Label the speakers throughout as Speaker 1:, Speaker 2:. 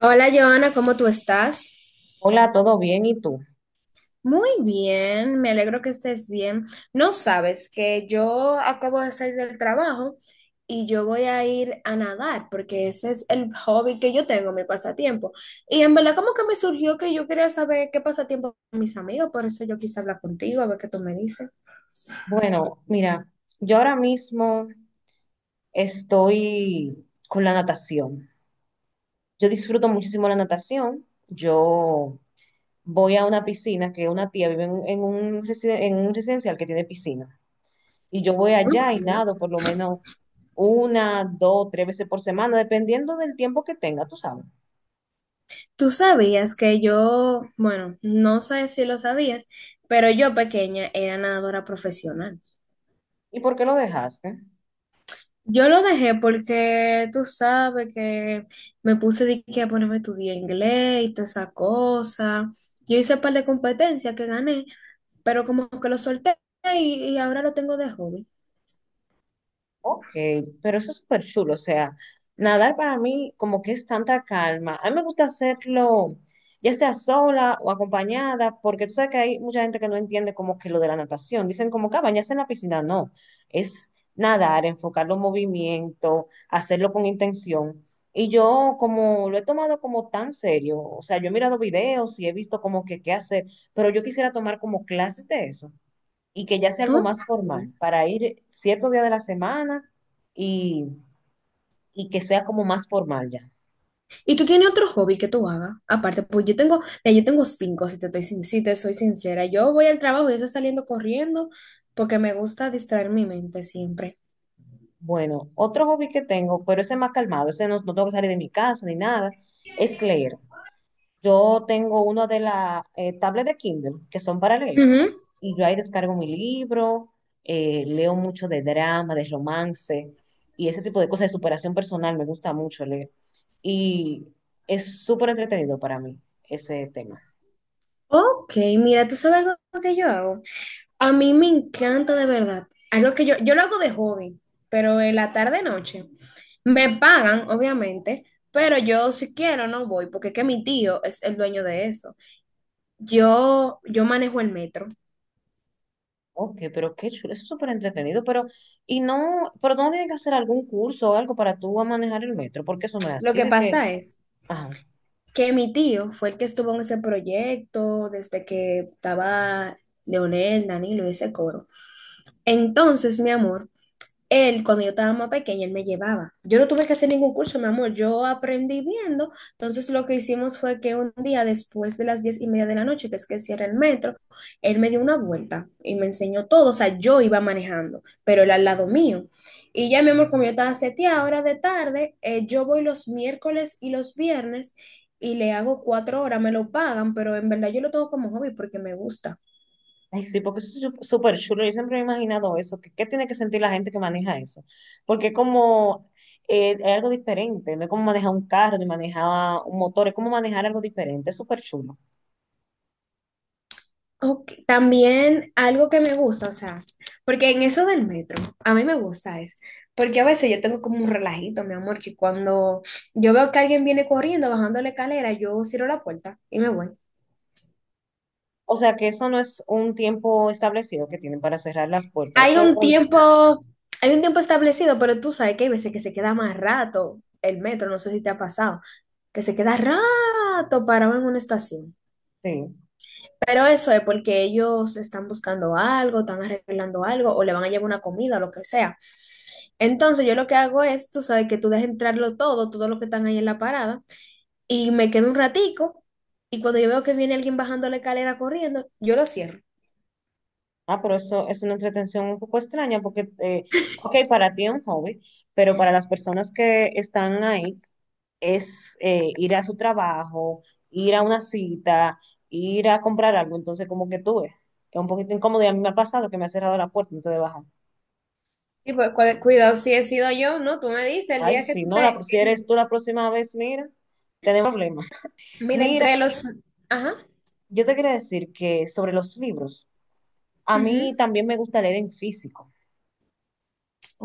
Speaker 1: Hola, Joana, ¿cómo tú estás?
Speaker 2: Hola, ¿todo bien? ¿Y tú?
Speaker 1: Muy bien, me alegro que estés bien. No sabes que yo acabo de salir del trabajo y yo voy a ir a nadar porque ese es el hobby que yo tengo, mi pasatiempo. Y en verdad como que me surgió que yo quería saber qué pasatiempo con mis amigos, por eso yo quise hablar contigo, a ver qué tú me dices.
Speaker 2: Bueno, mira, yo ahora mismo estoy con la natación. Yo disfruto muchísimo la natación. Yo voy a una piscina que una tía vive en en un residencial que tiene piscina. Y yo voy
Speaker 1: Ok.
Speaker 2: allá y nado por lo menos una, dos, tres veces por semana, dependiendo del tiempo que tenga, tú sabes.
Speaker 1: Tú sabías que yo, bueno, no sé si lo sabías, pero yo pequeña era nadadora profesional.
Speaker 2: ¿Y por qué lo dejaste?
Speaker 1: Yo lo dejé porque tú sabes que me puse de que a ponerme a estudiar inglés y toda esa cosa. Yo hice un par de competencias que gané, pero como que lo solté y ahora lo tengo de hobby.
Speaker 2: Ok, pero eso es súper chulo, o sea, nadar para mí como que es tanta calma. A mí me gusta hacerlo ya sea sola o acompañada, porque tú sabes que hay mucha gente que no entiende como que lo de la natación. Dicen como que "Ah, bañarse en la piscina, no, es nadar, enfocar los movimientos, hacerlo con intención". Y yo como lo he tomado como tan serio, o sea, yo he mirado videos y he visto como que qué hacer, pero yo quisiera tomar como clases de eso y que ya sea algo
Speaker 1: ¿No?
Speaker 2: más formal, para ir ciertos días de la semana y, y que sea como más formal ya.
Speaker 1: ¿Y tú tienes otro hobby que tú hagas? Aparte, pues yo tengo, mira, yo tengo cinco, si te soy sincera. Yo voy al trabajo y yo estoy saliendo corriendo porque me gusta distraer mi mente siempre.
Speaker 2: Bueno, otro hobby que tengo, pero ese es más calmado, ese no tengo que salir de mi casa ni nada, es leer. Yo tengo una de las tablets de Kindle que son para leer
Speaker 1: Ujú.
Speaker 2: y yo ahí descargo mi libro, leo mucho de drama, de romance y ese tipo de cosas de superación personal, me gusta mucho leer y es súper entretenido para mí ese tema.
Speaker 1: Ok, mira, ¿tú sabes algo que yo hago? A mí me encanta de verdad. Algo que yo lo hago de hobby, pero en la tarde noche. Me pagan, obviamente, pero yo si quiero no voy, porque es que mi tío es el dueño de eso. Yo manejo el metro.
Speaker 2: Ok, pero qué chulo, eso es súper entretenido, pero, y no, pero no tienen que hacer algún curso o algo para tú a manejar el metro, porque eso no es
Speaker 1: Lo
Speaker 2: así,
Speaker 1: que
Speaker 2: de que,
Speaker 1: pasa es
Speaker 2: ajá,
Speaker 1: que mi tío fue el que estuvo en ese proyecto desde que estaba Leonel, Danilo y ese coro. Entonces, mi amor. Él, cuando yo estaba más pequeña, él me llevaba. Yo no tuve que hacer ningún curso, mi amor. Yo aprendí viendo. Entonces, lo que hicimos fue que un día, después de las 10:30 de la noche, que es que cierra el metro, él me dio una vuelta y me enseñó todo. O sea, yo iba manejando, pero él al lado mío. Y ya, mi amor, como yo estaba seteada, ahora de tarde, yo voy los miércoles y los viernes y le hago 4 horas. Me lo pagan, pero en verdad yo lo tengo como hobby porque me gusta.
Speaker 2: ay, sí, porque eso es súper chulo, yo siempre me he imaginado eso, que qué tiene que sentir la gente que maneja eso, porque es como, es algo diferente, no es como manejar un carro, ni manejar un motor, es como manejar algo diferente, es súper chulo.
Speaker 1: Ok, también algo que me gusta, o sea, porque en eso del metro, a mí me gusta es, porque a veces yo tengo como un relajito, mi amor, que cuando yo veo que alguien viene corriendo, bajando la escalera, yo cierro la puerta y me voy.
Speaker 2: O sea, que eso no es un tiempo establecido que tienen para cerrar las puertas,
Speaker 1: Hay
Speaker 2: eso es
Speaker 1: un
Speaker 2: cuando-
Speaker 1: tiempo, hay un tiempo establecido, pero tú sabes que hay veces que se queda más rato el metro, no sé si te ha pasado, que se queda rato parado en una estación.
Speaker 2: sí.
Speaker 1: Pero eso es porque ellos están buscando algo, están arreglando algo, o le van a llevar una comida, lo que sea. Entonces yo lo que hago es, tú sabes, que tú dejas entrarlo todo, todo lo que están ahí en la parada, y me quedo un ratico, y cuando yo veo que viene alguien bajando la escalera corriendo, yo lo cierro.
Speaker 2: Ah, pero eso es una entretención un poco extraña porque, ok, para ti es un hobby, pero para las personas que están ahí es ir a su trabajo, ir a una cita, ir a comprar algo. Entonces, como que tú ves, es un poquito incómodo y a mí me ha pasado que me ha cerrado la puerta antes de bajar.
Speaker 1: Y pues, cuidado, si he sido yo, ¿no? Tú me dices, el
Speaker 2: Ay,
Speaker 1: día que
Speaker 2: si no,
Speaker 1: te...
Speaker 2: si eres tú la próxima vez, mira, tenemos problemas.
Speaker 1: Mira,
Speaker 2: Mira,
Speaker 1: entre los... Ajá.
Speaker 2: yo te quería decir que sobre los libros, a mí
Speaker 1: Ujú.
Speaker 2: también me gusta leer en físico.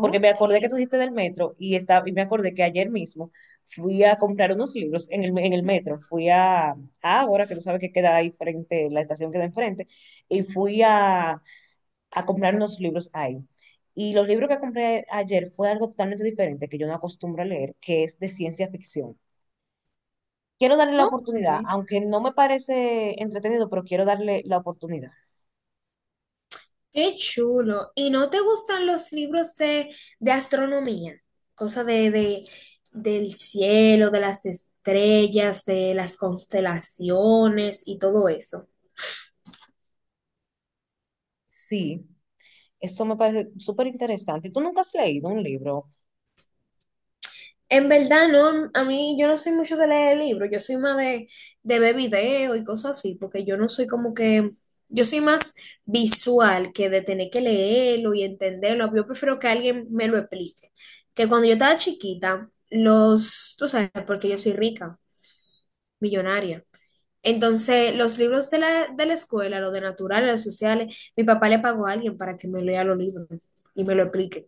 Speaker 2: Porque me acordé que tú dijiste del metro y y me acordé que ayer mismo fui a comprar unos libros en en el metro. Ahora que tú sabes que queda ahí frente, la estación queda enfrente, y a comprar unos libros ahí. Y los libros que compré ayer fue algo totalmente diferente que yo no acostumbro a leer, que es de ciencia ficción. Quiero darle la oportunidad,
Speaker 1: ok.
Speaker 2: aunque no me parece entretenido, pero quiero darle la oportunidad.
Speaker 1: Qué chulo. ¿Y no te gustan los libros de, astronomía? Cosa del cielo, de las estrellas, de las constelaciones y todo eso.
Speaker 2: Sí, esto me parece súper interesante. ¿Tú nunca has leído un libro?
Speaker 1: En verdad, no, a mí yo no soy mucho de leer libros, yo soy más de ver videos y cosas así, porque yo no soy como que, yo soy más visual que de tener que leerlo y entenderlo. Yo prefiero que alguien me lo explique. Que cuando yo estaba chiquita, los, tú sabes, porque yo soy rica. Millonaria. Entonces, los libros de la escuela, los de naturales, los sociales, mi papá le pagó a alguien para que me lea los libros y me lo explique.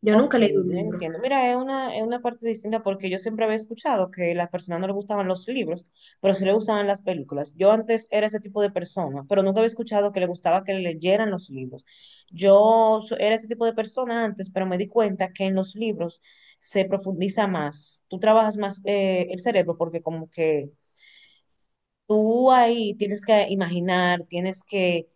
Speaker 1: Yo
Speaker 2: Ok,
Speaker 1: nunca leí un
Speaker 2: yo
Speaker 1: libro.
Speaker 2: entiendo. Mira, es una parte distinta porque yo siempre había escuchado que a las personas no les gustaban los libros, pero sí le gustaban las películas. Yo antes era ese tipo de persona, pero nunca había escuchado que le gustaba que le leyeran los libros. Era ese tipo de persona antes, pero me di cuenta que en los libros se profundiza más. Tú trabajas más el cerebro porque como que tú ahí tienes que imaginar, tienes que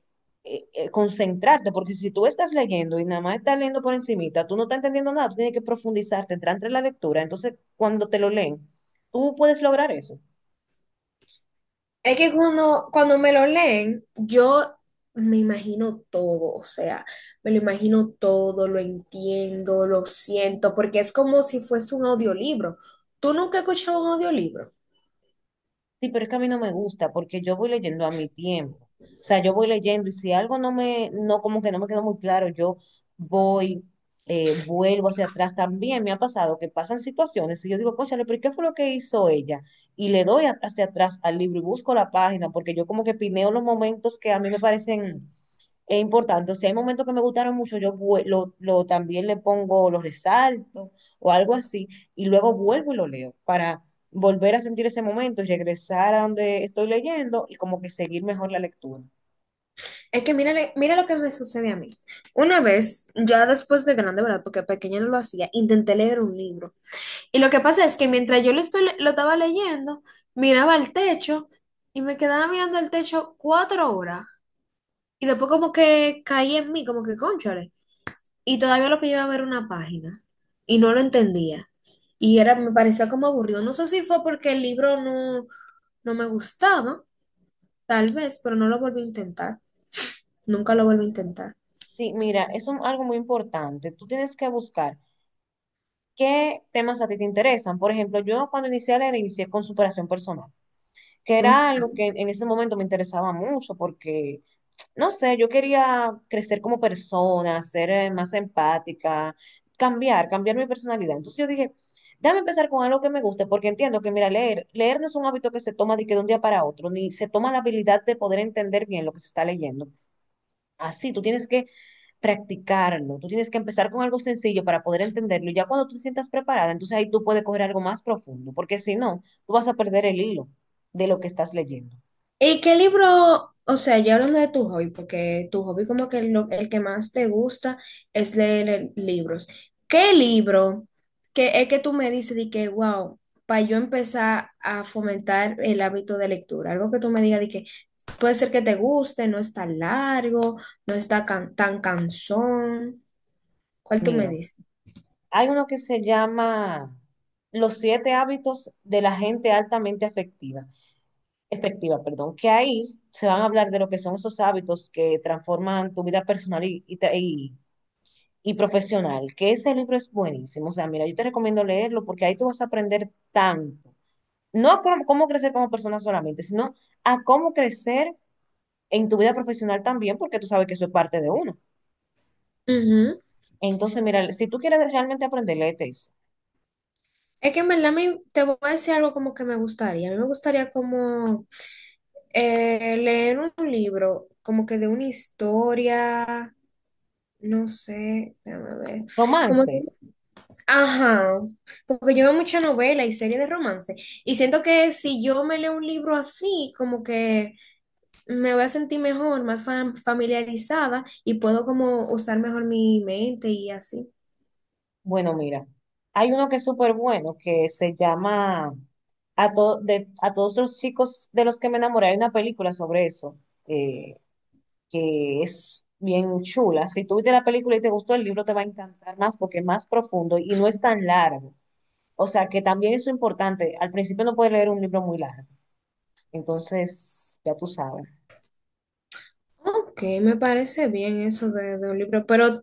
Speaker 2: concentrarte, porque si tú estás leyendo y nada más estás leyendo por encimita, tú no estás entendiendo nada, tú tienes que profundizarte, entrar entre la lectura. Entonces, cuando te lo leen, tú puedes lograr eso.
Speaker 1: Es que cuando me lo leen, yo me imagino todo, o sea, me lo imagino todo, lo entiendo, lo siento, porque es como si fuese un audiolibro. ¿Tú nunca has escuchado un audiolibro?
Speaker 2: Sí, pero es que a mí no me gusta porque yo voy leyendo a mi tiempo. O sea, yo voy leyendo y si algo no me, no, como que no me quedó muy claro, yo voy, vuelvo hacia atrás. También me ha pasado que pasan situaciones y yo digo, cónchale, pero ¿qué fue lo que hizo ella? Y le hacia atrás al libro y busco la página porque yo como que pineo los momentos que a mí me parecen importantes. Si hay momentos que me gustaron mucho, yo vue- lo también le pongo, los resalto o algo así y luego vuelvo y lo leo para volver a sentir ese momento y regresar a donde estoy leyendo y como que seguir mejor la lectura.
Speaker 1: Es que mira, mira lo que me sucede a mí. Una vez, ya después de grande, ¿verdad? Porque pequeña no lo hacía, intenté leer un libro. Y lo que pasa es que mientras yo lo, estoy, le- lo estaba leyendo, miraba al techo y me quedaba mirando al techo 4 horas. Y después como que caí en mí, como que cónchale. Y todavía lo que yo iba a ver era una página y no lo entendía. Y era, me parecía como aburrido. No sé si fue porque el libro no me gustaba, tal vez, pero no lo volví a intentar. Nunca lo volví a intentar.
Speaker 2: Sí, mira, algo muy importante. Tú tienes que buscar qué temas a ti te interesan. Por ejemplo, yo cuando inicié a leer, inicié con superación personal, que
Speaker 1: ¿No?
Speaker 2: era algo que en ese momento me interesaba mucho porque no sé, yo quería crecer como persona, ser más empática, cambiar mi personalidad. Entonces yo dije, déjame empezar con algo que me guste, porque entiendo que, mira, leer no es un hábito que se toma de que de un día para otro, ni se toma la habilidad de poder entender bien lo que se está leyendo. Así, tú tienes que practicarlo, tú tienes que empezar con algo sencillo para poder entenderlo, y ya cuando tú te sientas preparada, entonces ahí tú puedes coger algo más profundo, porque si no, tú vas a perder el hilo de lo que estás leyendo.
Speaker 1: ¿Y qué libro, o sea, ya hablando de tu hobby, porque tu hobby como que el que más te gusta es leer libros. ¿Qué libro que es que tú me dices de que, wow, para yo empezar a fomentar el hábito de lectura? Algo que tú me digas de que puede ser que te guste, no está largo, no está tan cansón. ¿Cuál tú me
Speaker 2: Mira.
Speaker 1: dices?
Speaker 2: Hay uno que se llama Los siete hábitos de la gente altamente efectiva, perdón, que ahí se van a hablar de lo que son esos hábitos que transforman tu vida personal y profesional, que ese libro es buenísimo. O sea, mira, yo te recomiendo leerlo porque ahí tú vas a aprender tanto. No a cómo crecer como persona solamente, sino a cómo crecer en tu vida profesional también, porque tú sabes que eso es parte de uno. Entonces, mira, si tú quieres realmente aprender, léete ese.
Speaker 1: Es que en verdad te voy a decir algo como que me gustaría. A mí me gustaría como leer un libro, como que de una historia, no sé, déjame ver. Como
Speaker 2: Romance.
Speaker 1: que- ajá, porque yo veo mucha novela y serie de romance. Y siento que si yo me leo un libro así, como que me voy a sentir mejor, más familiarizada y puedo como usar mejor mi mente y así.
Speaker 2: Bueno, mira, hay uno que es súper bueno, que se llama a todos los chicos de los que me enamoré. Hay una película sobre eso, eh, que es bien chula. Si tú viste la película y te gustó el libro, te va a encantar más porque es más profundo y no es tan largo. O sea, que también eso es importante. Al principio no puedes leer un libro muy largo. Entonces, ya tú sabes,
Speaker 1: Ok, me parece bien eso de un libro, pero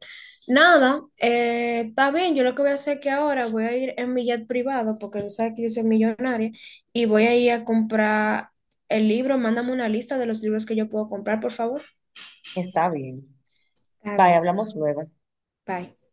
Speaker 1: nada, está bien, yo lo que voy a hacer es que ahora voy a ir en mi jet privado, porque tú sabes que yo soy millonaria, y voy a ir a comprar el libro, mándame una lista de los libros que yo puedo comprar, por favor.
Speaker 2: está bien.
Speaker 1: Está
Speaker 2: Bye,
Speaker 1: bien,
Speaker 2: hablamos luego.
Speaker 1: bye.